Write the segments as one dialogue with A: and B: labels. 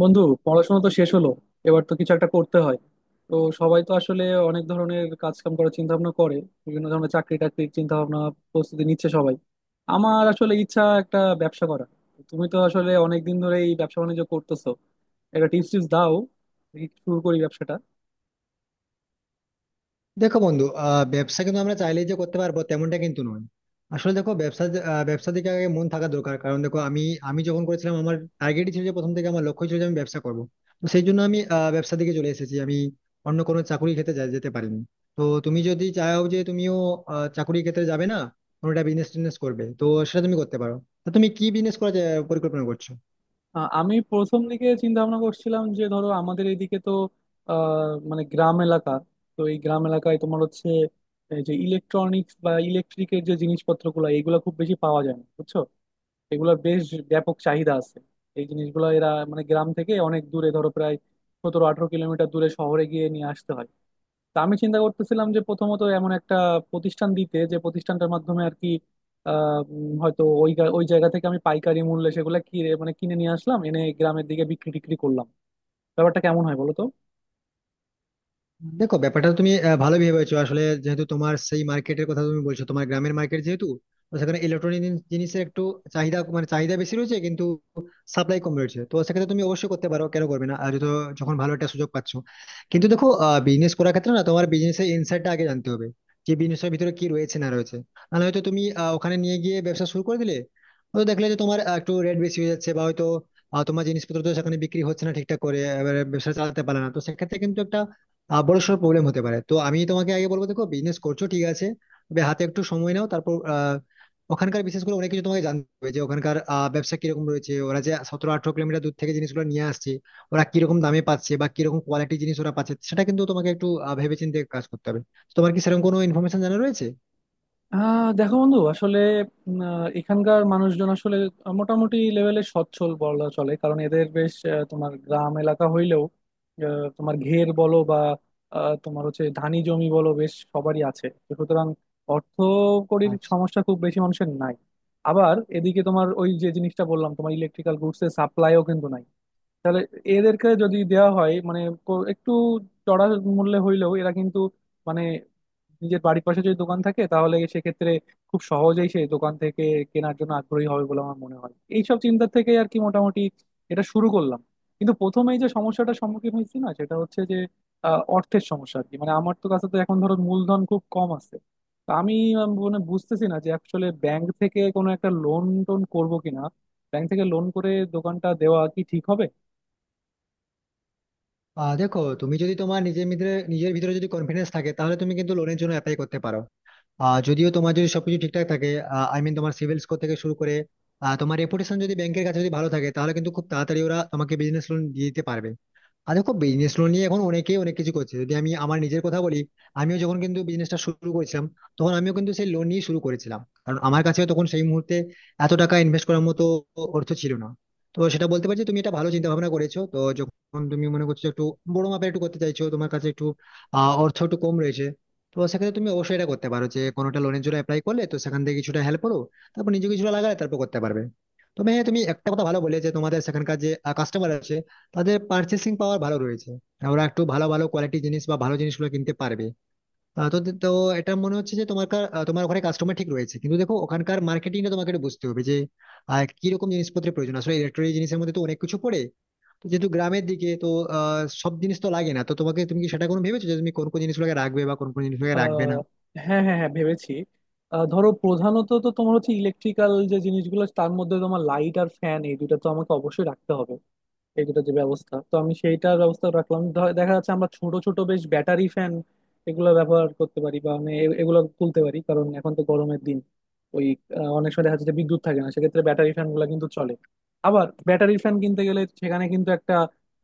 A: বন্ধু, পড়াশোনা তো শেষ হলো। এবার তো কিছু একটা করতে হয়। তো সবাই তো আসলে অনেক ধরনের কাজ কাম করার চিন্তা ভাবনা করে। বিভিন্ন ধরনের চাকরি টাকরির চিন্তা ভাবনা, প্রস্তুতি নিচ্ছে সবাই। আমার আসলে ইচ্ছা একটা ব্যবসা করা। তুমি তো আসলে অনেক দিন ধরে এই ব্যবসা বাণিজ্য করতেছো, একটা টিপস টিপস দাও, দেখি শুরু করি ব্যবসাটা।
B: দেখো বন্ধু ব্যবসা কিন্তু আমরা চাইলেই যে করতে পারবো তেমনটা কিন্তু নয়। আসলে দেখো ব্যবসার দিকে আগে মন থাকা দরকার, কারণ দেখো আমি আমি যখন করেছিলাম আমার টার্গেটই ছিল, যে প্রথম থেকে আমার লক্ষ্য ছিল যে আমি ব্যবসা করবো। তো সেই জন্য আমি ব্যবসার দিকে চলে এসেছি, আমি অন্য কোনো চাকরির ক্ষেত্রে যেতে পারিনি। তো তুমি যদি চাও যে তুমিও চাকরির ক্ষেত্রে যাবে না, কোনোটা বিজনেস টিজনেস করবে, তো সেটা তুমি করতে পারো। তো তুমি কি বিজনেস করার পরিকল্পনা করছো?
A: আমি প্রথম দিকে চিন্তা ভাবনা করছিলাম যে ধরো আমাদের এদিকে তো আহ, মানে গ্রাম এলাকা। তো এই গ্রাম এলাকায় তোমার হচ্ছে এই যে ইলেকট্রনিক্স বা ইলেকট্রিকের যে জিনিসপত্রগুলো এগুলো খুব বেশি পাওয়া যায় না, বুঝছো? এগুলোর বেশ ব্যাপক চাহিদা আছে। এই জিনিসগুলো এরা মানে গ্রাম থেকে অনেক দূরে, ধরো প্রায় 17-18 কিলোমিটার দূরে শহরে গিয়ে নিয়ে আসতে হয়। তা আমি চিন্তা করতেছিলাম যে প্রথমত এমন একটা প্রতিষ্ঠান দিতে, যে প্রতিষ্ঠানটার মাধ্যমে আর কি হয়তো ওই জায়গা থেকে আমি পাইকারি মূল্যে সেগুলো কিনে, মানে কিনে নিয়ে আসলাম, এনে গ্রামের দিকে বিক্রি টিক্রি করলাম। ব্যাপারটা কেমন হয় বলো তো?
B: দেখো ব্যাপারটা তুমি ভালো ভেবেছো, আসলে যেহেতু তোমার সেই মার্কেটের কথা তুমি বলছো, তোমার গ্রামের মার্কেট যেহেতু, তো সেখানে ইলেকট্রনিক জিনিসের একটু চাহিদা বেশি রয়েছে, কিন্তু সাপ্লাই কম রয়েছে। তো সেক্ষেত্রে তুমি অবশ্যই করতে পারো, কেন করবে না, আর যত যখন ভালো একটা সুযোগ পাচ্ছ। কিন্তু দেখো, বিজনেস করার ক্ষেত্রে না, তোমার বিজনেসের ইনসাইডটা আগে জানতে হবে, যে বিজনেসের ভিতরে কি রয়েছে না রয়েছে। নাহলে হয়তো তুমি ওখানে নিয়ে গিয়ে ব্যবসা শুরু করে দিলে, হয়তো দেখলে যে তোমার একটু রেট বেশি হয়ে যাচ্ছে, বা হয়তো তোমার জিনিসপত্র তো সেখানে বিক্রি হচ্ছে না ঠিকঠাক করে, এবারে ব্যবসা চালাতে পারে না, তো সেক্ষেত্রে কিন্তু একটা বড়সড় প্রবলেম হতে পারে। তো আমি তোমাকে আগে বলবো, দেখো বিজনেস করছো ঠিক আছে, তবে হাতে একটু সময় নাও, তারপর ওখানকার বিশেষ করে অনেক কিছু তোমাকে জানতে হবে, যে ওখানকার ব্যবসা কিরকম রয়েছে, ওরা যে 17-18 কিলোমিটার দূর থেকে জিনিসগুলো নিয়ে আসছে, ওরা কিরকম দামে পাচ্ছে বা কিরকম কোয়ালিটি জিনিস ওরা পাচ্ছে, সেটা কিন্তু তোমাকে একটু ভেবেচিন্তে কাজ করতে হবে। তো তোমার কি সেরকম কোনো ইনফরমেশন জানা রয়েছে?
A: দেখো বন্ধু, আসলে এখানকার মানুষজন আসলে মোটামুটি লেভেলে সচ্ছল বলা চলে, কারণ এদের বেশ তোমার গ্রাম এলাকা হইলেও তোমার ঘের বলো বা তোমার হচ্ছে ধানি জমি বলো, বেশ সবারই আছে। তো সুতরাং অর্থকড়ির
B: আচ্ছা।
A: সমস্যা খুব বেশি মানুষের নাই। আবার এদিকে তোমার ওই যে জিনিসটা বললাম, তোমার ইলেকট্রিক্যাল গুডস এর সাপ্লাইও কিন্তু নাই। তাহলে এদেরকে যদি দেওয়া হয় মানে একটু চড়া মূল্যে হইলেও এরা কিন্তু মানে নিজের বাড়ির পাশে যদি দোকান থাকে তাহলে সেক্ষেত্রে খুব সহজেই সেই দোকান থেকে কেনার জন্য আগ্রহী হবে বলে আমার মনে হয়। এইসব চিন্তা থেকে আর কি মোটামুটি এটা শুরু করলাম। কিন্তু প্রথমেই যে সমস্যাটার সম্মুখীন হয়েছি না, সেটা হচ্ছে যে অর্থের সমস্যা আর কি। মানে আমার তো কাছে তো এখন ধরো মূলধন খুব কম আছে। তো আমি মানে বুঝতেছি না যে আসলে ব্যাংক থেকে কোনো একটা লোন টোন করবো কিনা, ব্যাংক থেকে লোন করে দোকানটা দেওয়া কি ঠিক হবে?
B: দেখো, তুমি যদি তোমার নিজের ভিতরে যদি কনফিডেন্স থাকে, তাহলে তুমি কিন্তু লোনের জন্য অ্যাপ্লাই করতে পারো। যদিও তোমার যদি সবকিছু ঠিকঠাক থাকে, আই মিন তোমার সিভিল স্কোর থেকে শুরু করে তোমার রেপুটেশন যদি ব্যাংকের কাছে যদি ভালো থাকে, তাহলে কিন্তু খুব তাড়াতাড়ি ওরা তোমাকে বিজনেস লোন দিয়ে দিতে পারবে। আর দেখো, বিজনেস লোন নিয়ে এখন অনেকেই অনেক কিছু করছে, যদি আমি আমার নিজের কথা বলি, আমিও যখন কিন্তু বিজনেসটা শুরু করেছিলাম, তখন আমিও কিন্তু সেই লোন নিয়ে শুরু করেছিলাম, কারণ আমার কাছে তখন সেই মুহূর্তে এত টাকা ইনভেস্ট করার মতো অর্থ ছিল না। তো সেটা বলতে পারছি, তুমি এটা ভালো চিন্তা ভাবনা করেছো, তো যখন তুমি মনে করছো একটু বড় মাপের একটু করতে চাইছো, তোমার কাছে একটু অর্থ একটু কম রয়েছে, তো সেক্ষেত্রে তুমি অবশ্যই এটা করতে পারো, যে কোনোটা লোনের জন্য অ্যাপ্লাই করলে তো সেখান থেকে কিছুটা হেল্প করো, তারপর নিজে কিছুটা লাগালে তারপর করতে পারবে। তবে হ্যাঁ, তুমি একটা কথা ভালো বলে, যে তোমাদের সেখানকার যে কাস্টমার আছে তাদের পার্চেসিং পাওয়ার ভালো রয়েছে, আর ওরা একটু ভালো ভালো কোয়ালিটি জিনিস বা ভালো জিনিসগুলো কিনতে পারবে। আহ, তো তো এটা মনে হচ্ছে যে তোমার তোমার ওখানে কাস্টমার ঠিক রয়েছে, কিন্তু দেখো, ওখানকার মার্কেটিংটা তোমাকে একটু বুঝতে হবে, যে কি রকম জিনিসপত্রের প্রয়োজন, আসলে ইলেকট্রনিক জিনিসের মধ্যে তো অনেক কিছু পড়ে। তো যেহেতু গ্রামের দিকে তো সব জিনিস তো লাগে না, তো তোমাকে, তুমি কি সেটা কোনো ভেবেছো যে তুমি কোন কোন জিনিসগুলোকে রাখবে বা কোন কোন জিনিসগুলোকে রাখবে
A: আহ,
B: না?
A: হ্যাঁ, হ্যাঁ, হ্যাঁ, ভেবেছি। ধরো প্রধানত তো তোমার হচ্ছে ইলেকট্রিক্যাল যে জিনিসগুলো, তার মধ্যে তোমার লাইট আর ফ্যান এই দুটো তো আমাকে অবশ্যই রাখতে হবে। এই দুটো যে ব্যবস্থা, তো আমি সেইটার ব্যবস্থা রাখলাম। দেখা যাচ্ছে আমরা ছোট ছোট বেশ ব্যাটারি ফ্যান এগুলো ব্যবহার করতে পারি, বা আমি এগুলো তুলতে পারি, কারণ এখন তো গরমের দিন। ওই অনেক সময় দেখা যাচ্ছে যে বিদ্যুৎ থাকে না, সেক্ষেত্রে ব্যাটারি ফ্যান গুলা কিন্তু চলে। আবার ব্যাটারি ফ্যান কিনতে গেলে সেখানে কিন্তু একটা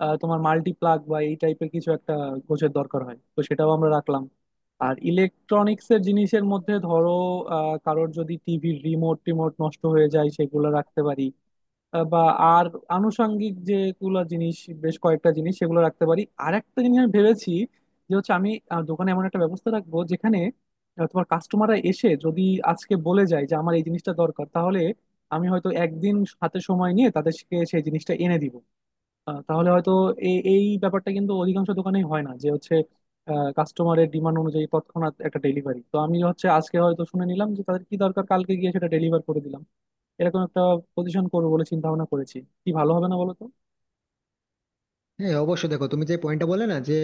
A: তোমার মাল্টি প্লাগ বা এই টাইপের কিছু একটা গোছের দরকার হয়, তো সেটাও আমরা রাখলাম। আর ইলেকট্রনিক্সের জিনিসের মধ্যে ধরো কারোর যদি টিভির রিমোট টিমোট নষ্ট হয়ে যায় সেগুলো রাখতে পারি। আহ, বা আর আনুষঙ্গিক যেগুলো জিনিস, বেশ কয়েকটা জিনিস সেগুলো রাখতে পারি। আর একটা জিনিস আমি ভেবেছি যে হচ্ছে আমি দোকানে এমন একটা ব্যবস্থা রাখবো যেখানে তোমার কাস্টমাররা এসে যদি আজকে বলে যায় যে আমার এই জিনিসটা দরকার, তাহলে আমি হয়তো একদিন হাতে সময় নিয়ে তাদেরকে সেই জিনিসটা এনে দিব। তাহলে হয়তো এই এই ব্যাপারটা কিন্তু অধিকাংশ দোকানেই হয় না, যে হচ্ছে কাস্টমারের ডিমান্ড অনুযায়ী তৎক্ষণাৎ একটা ডেলিভারি। তো আমি হচ্ছে আজকে হয়তো শুনে নিলাম যে তাদের কি দরকার, কালকে গিয়ে সেটা ডেলিভার করে দিলাম। এরকম একটা পজিশন করবো বলে চিন্তা ভাবনা করেছি। কি ভালো হবে না বলো তো?
B: হ্যাঁ অবশ্যই। দেখো তুমি যে পয়েন্টটা বলে না, যে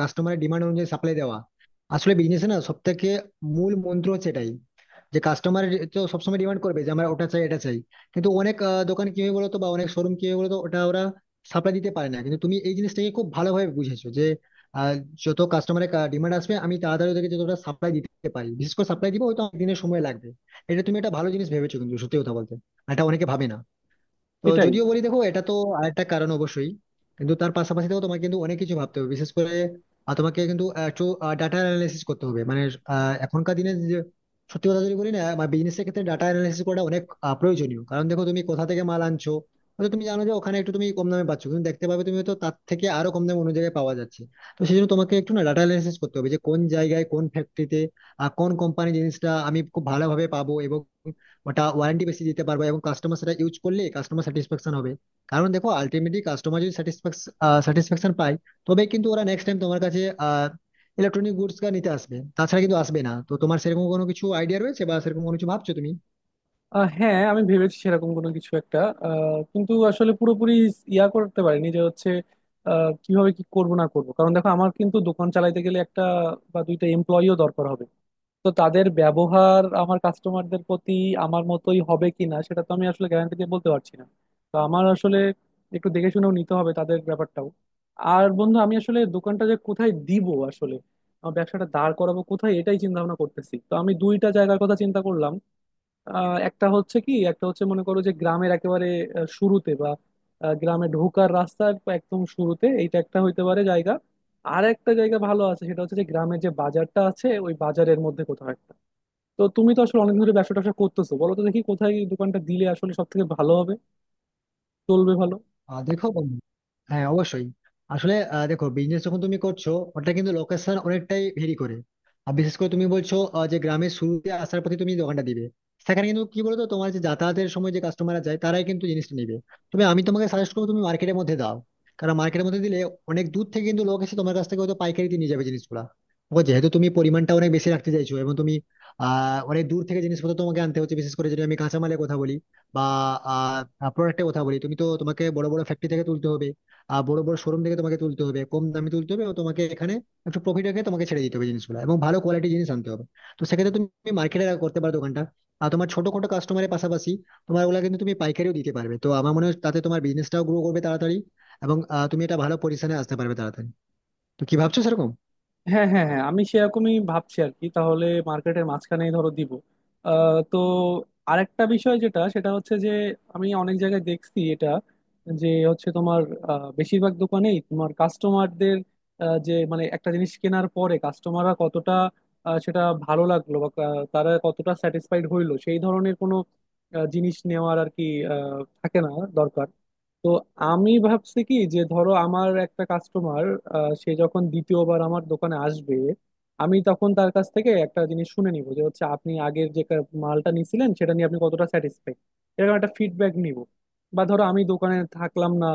B: কাস্টমারের ডিমান্ড অনুযায়ী সাপ্লাই দেওয়া, আসলে বিজনেসে না সব থেকে মূল মন্ত্র হচ্ছে এটাই। যে কাস্টমার তো সবসময় ডিমান্ড করবে যে আমরা ওটা চাই এটা চাই, কিন্তু অনেক দোকান কি হয় বলতো, বা অনেক শোরুম কি হয় বলতো, ওটা ওরা সাপ্লাই দিতে পারে না, কিন্তু তুমি এই জিনিসটাকে খুব ভালোভাবে বুঝেছো যে আহ, যত কাস্টমারের ডিমান্ড আসবে আমি তাড়াতাড়ি ওদেরকে যতটা সাপ্লাই দিতে পারি, বিশেষ করে সাপ্লাই দিব, হয়তো অনেক দিনের সময় লাগবে। এটা তুমি একটা ভালো জিনিস ভেবেছো, কিন্তু সত্যি কথা বলতে আর এটা অনেকে ভাবে না। তো
A: সেটাই।
B: যদিও বলি, দেখো এটা তো আরেকটা কারণ অবশ্যই, কিন্তু তার পাশাপাশি দেখো, তোমাকে কিন্তু অনেক কিছু ভাবতে হবে, বিশেষ করে তোমাকে কিন্তু একটু ডাটা অ্যানালাইসিস করতে হবে, মানে আহ, এখনকার দিনে যে- সত্যি কথা যদি বলি না, বিজনেসের ক্ষেত্রে ডাটা অ্যানালাইসিস করাটা অনেক প্রয়োজনীয়। কারণ দেখো, তুমি কোথা থেকে মাল আনছো, হয়তো তুমি জানো যে ওখানে একটু তুমি কম দামে পাচ্ছ, কিন্তু দেখতে পাবে তুমি হয়তো তার থেকে আরো কম দামে অন্য জায়গায় পাওয়া যাচ্ছে। তো সেই জন্য তোমাকে একটু না ডাটা অ্যানালাইসিস করতে হবে, যে কোন জায়গায় কোন ফ্যাক্টরিতে কোন কোম্পানি জিনিসটা আমি খুব ভালোভাবে পাবো, এবং ওটা ওয়ারেন্টি বেশি দিতে পারবো, এবং কাস্টমার সেটা ইউজ করলে কাস্টমার স্যাটিসফ্যাকশন হবে। কারণ দেখো, আলটিমেটলি কাস্টমার যদি স্যাটিসফ্যাকশন পায়, তবে কিন্তু ওরা নেক্সট টাইম তোমার কাছে আহ ইলেকট্রনিক গুডস নিতে আসবে, তাছাড়া কিন্তু আসবে না। তো তোমার সেরকম কোনো কিছু আইডিয়া রয়েছে বা সেরকম কোনো কিছু ভাবছো তুমি?
A: হ্যাঁ, আমি ভেবেছি সেরকম কোনো কিছু একটা, কিন্তু আসলে পুরোপুরি ইয়া করতে পারিনি যে হচ্ছে কিভাবে কি করব না করব। কারণ দেখো আমার কিন্তু দোকান চালাইতে গেলে একটা বা দুইটা এমপ্লয়িও দরকার হবে। তো তাদের ব্যবহার আমার কাস্টমারদের প্রতি আমার মতোই হবে কিনা, সেটা তো আমি আসলে গ্যারান্টি দিয়ে বলতে পারছি না। তো আমার আসলে একটু দেখে শুনেও নিতে হবে তাদের ব্যাপারটাও। আর বন্ধু, আমি আসলে দোকানটা যে কোথায় দিব, আসলে আমার ব্যবসাটা দাঁড় করাবো কোথায়, এটাই চিন্তা ভাবনা করতেছি। তো আমি দুইটা জায়গার কথা চিন্তা করলাম। একটা হচ্ছে কি, একটা হচ্ছে মনে করো যে গ্রামের একেবারে শুরুতে বা গ্রামে ঢোকার রাস্তার একদম শুরুতে, এইটা একটা হইতে পারে জায়গা। আর একটা জায়গা ভালো আছে, সেটা হচ্ছে যে গ্রামের যে বাজারটা আছে ওই বাজারের মধ্যে কোথাও একটা। তো তুমি তো আসলে অনেক ধরে ব্যবসা ট্যাবসা করতেছো, বলো তো দেখি কোথায় এই দোকানটা দিলে আসলে সব থেকে ভালো হবে, চলবে ভালো।
B: দেখো বন্ধু, হ্যাঁ অবশ্যই। আসলে দেখো, বিজনেস যখন তুমি করছো, ওটা কিন্তু লোকেশন অনেকটাই ভেরি করে। আর বিশেষ করে তুমি বলছো যে গ্রামের শুরুতে আসার পথে তুমি দোকানটা দিবে, সেখানে কিন্তু কি বলতো, তোমার যে যাতায়াতের সময় যে কাস্টমাররা যায় তারাই কিন্তু জিনিসটা নেবে। তবে আমি তোমাকে সাজেস্ট করবো তুমি মার্কেটের মধ্যে দাও। কারণ মার্কেটের মধ্যে দিলে অনেক দূর থেকে কিন্তু লোক এসে তোমার কাছ থেকে হয়তো পাইকারিতে নিয়ে যাবে জিনিসগুলা। ও যেহেতু তুমি পরিমাণটা অনেক বেশি রাখতে চাইছো, এবং তুমি অনেক দূর থেকে জিনিসপত্র তোমাকে আনতে হচ্ছে, বিশেষ করে যদি আমি কাঁচামালের কথা বলি বা প্রোডাক্টের কথা বলি, তুমি তো তোমাকে বড় বড় ফ্যাক্টরি থেকে তুলতে হবে, আর বড় বড় শোরুম থেকে তোমাকে তুলতে হবে, কম দামে তুলতে হবে, ও তোমাকে এখানে একটু প্রফিট রেখে তোমাকে ছেড়ে দিতে হবে জিনিসগুলো, এবং ভালো কোয়ালিটি জিনিস আনতে হবে। তো সেক্ষেত্রে তুমি মার্কেটে করতে পারো দোকানটা, আর তোমার ছোটখাটো কাস্টমারের পাশাপাশি তোমার ওগুলা কিন্তু তুমি পাইকারিও দিতে পারবে। তো আমার মনে হয় তাতে তোমার বিজনেসটাও গ্রো করবে তাড়াতাড়ি, এবং তুমি এটা ভালো পজিশনে আসতে পারবে তাড়াতাড়ি। তো কি ভাবছো সেরকম?
A: হ্যাঁ, হ্যাঁ, হ্যাঁ, আমি সেরকমই ভাবছি আর কি। তাহলে মার্কেটের মাঝখানেই ধরো দিব। তো আরেকটা বিষয় যেটা, সেটা হচ্ছে যে আমি অনেক জায়গায় দেখছি এটা, যে হচ্ছে তোমার বেশিরভাগ দোকানেই তোমার কাস্টমারদের যে, মানে একটা জিনিস কেনার পরে কাস্টমাররা কতটা সেটা ভালো লাগলো বা তারা কতটা স্যাটিসফাইড হইলো, সেই ধরনের কোনো জিনিস নেওয়ার আর কি থাকে না, দরকার। তো আমি ভাবছি কি, যে ধরো আমার একটা কাস্টমার, সে যখন দ্বিতীয়বার আমার দোকানে আসবে আমি তখন তার কাছ থেকে একটা জিনিস শুনে নিব যে হচ্ছে আপনি আগের যে মালটা নিছিলেন সেটা নিয়ে আপনি কতটা স্যাটিসফাইড, এরকম একটা ফিডব্যাক নিব। বা ধরো আমি দোকানে থাকলাম না,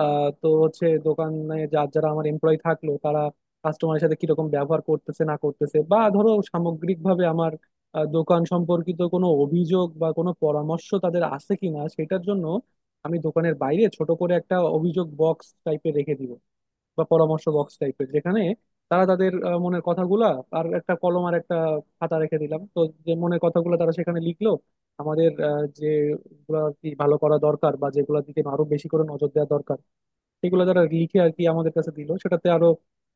A: তো হচ্ছে দোকানে যার যারা আমার এমপ্লয়ি থাকলো তারা কাস্টমারের সাথে কিরকম ব্যবহার করতেছে না করতেছে, বা ধরো সামগ্রিকভাবে আমার দোকান সম্পর্কিত কোনো অভিযোগ বা কোনো পরামর্শ তাদের আছে কিনা, সেটার জন্য আমি দোকানের বাইরে ছোট করে একটা অভিযোগ বক্স টাইপের রেখে দিব, বা পরামর্শ বক্স টাইপের, যেখানে তারা তাদের মনের কথাগুলা আর একটা কলম আর একটা খাতা রেখে দিলাম, তো যে মনের কথাগুলো তারা সেখানে লিখলো আমাদের যেগুলো আর কি ভালো করা দরকার বা যেগুলোর দিকে আরো বেশি করে নজর দেওয়া দরকার, সেগুলো তারা লিখে আর কি আমাদের কাছে দিল, সেটাতে আরো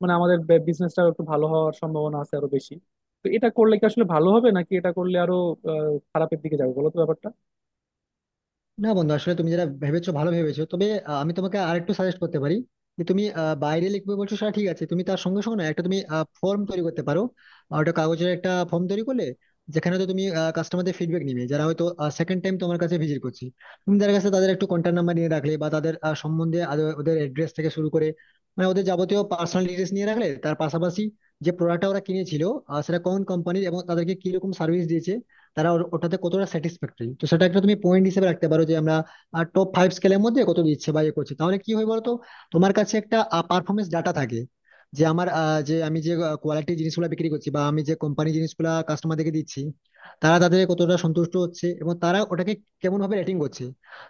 A: মানে আমাদের বিজনেসটা একটু ভালো হওয়ার সম্ভাবনা আছে আরো বেশি। তো এটা করলে কি আসলে ভালো হবে, নাকি এটা করলে আরো খারাপের দিকে যাবে, বলো তো ব্যাপারটা?
B: না বন্ধু, আসলে তুমি যেটা ভেবেছো ভালো ভেবেছো, তবে আমি তোমাকে আরেকটু সাজেস্ট করতে পারি, যে তুমি বাইরে লিখবে বলছো সেটা ঠিক আছে, তুমি তার সঙ্গে সঙ্গে না একটা তুমি ফর্ম তৈরি করতে পারো, আর ওটা কাগজের একটা ফর্ম তৈরি করলে, যেখানে তো তুমি কাস্টমারদের ফিডব্যাক নিবে যারা হয়তো সেকেন্ড টাইম তোমার কাছে ভিজিট করছে। তুমি তাদের কাছে তাদের একটু কন্ট্যাক্ট নাম্বার নিয়ে রাখলে বা তাদের ওদের অ্যাড্রেস থেকে শুরু করে, মানে ওদের যাবতীয় পার্সোনাল ডিটেলস নিয়ে রাখলে, তার পাশাপাশি যে প্রোডাক্টটা ওরা কিনেছিল সেটা কোন কোম্পানির, এবং তাদেরকে কিরকম সার্ভিস দিয়েছে, তারা ওটাতে কতটা স্যাটিসফ্যাক্টরি, তো সেটা একটা তুমি পয়েন্ট হিসেবে রাখতে পারো, যে আমরা টপ 5 স্কেলের মধ্যে কত দিচ্ছে বা ইয়ে করছে। তাহলে কি হয় বলতো, তোমার কাছে একটা পারফরমেন্স ডাটা থাকে, যে আমি যে কোয়ালিটি জিনিসগুলো বিক্রি করছি বা আমি যে কোম্পানি জিনিসগুলো কাস্টমারদেরকে দিচ্ছি, তারা তাদের কতটা সন্তুষ্ট হচ্ছে, এবং তারা ওটাকে কেমন ভাবে রেটিং করছে।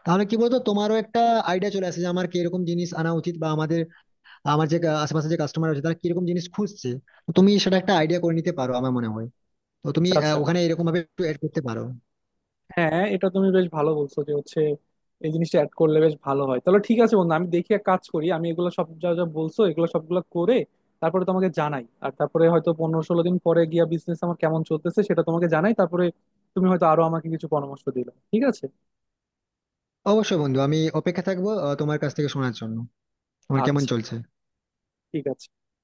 B: তাহলে কি বলতো, তোমারও একটা আইডিয়া চলে আসে, যে আমার কিরকম জিনিস আনা উচিত, বা আমার যে আশেপাশে যে কাস্টমার আছে তারা কিরকম জিনিস খুঁজছে। তো তুমি সেটা একটা আইডিয়া করে নিতে পারো আমার মনে হয়। তো তুমি
A: আচ্ছা, আচ্ছা,
B: ওখানে এরকম ভাবে একটু এড করতে পারো।
A: হ্যাঁ, এটা তুমি বেশ ভালো বলছো যে হচ্ছে এই জিনিসটা অ্যাড করলে বেশ ভালো হয়। তাহলে ঠিক আছে বন্ধু, আমি দেখি এক কাজ করি, আমি এগুলো সব যা যা বলছো এগুলো সবগুলো করে তারপরে তোমাকে জানাই। আর তারপরে হয়তো 15-16 দিন পরে গিয়া বিজনেস আমার কেমন চলতেছে সেটা তোমাকে জানাই, তারপরে তুমি হয়তো আরো আমাকে কিছু পরামর্শ দিলে। ঠিক আছে।
B: অবশ্যই বন্ধু, আমি অপেক্ষা থাকবো তোমার কাছ থেকে শোনার জন্য তোমার কেমন
A: আচ্ছা,
B: চলছে।
A: ঠিক আছে।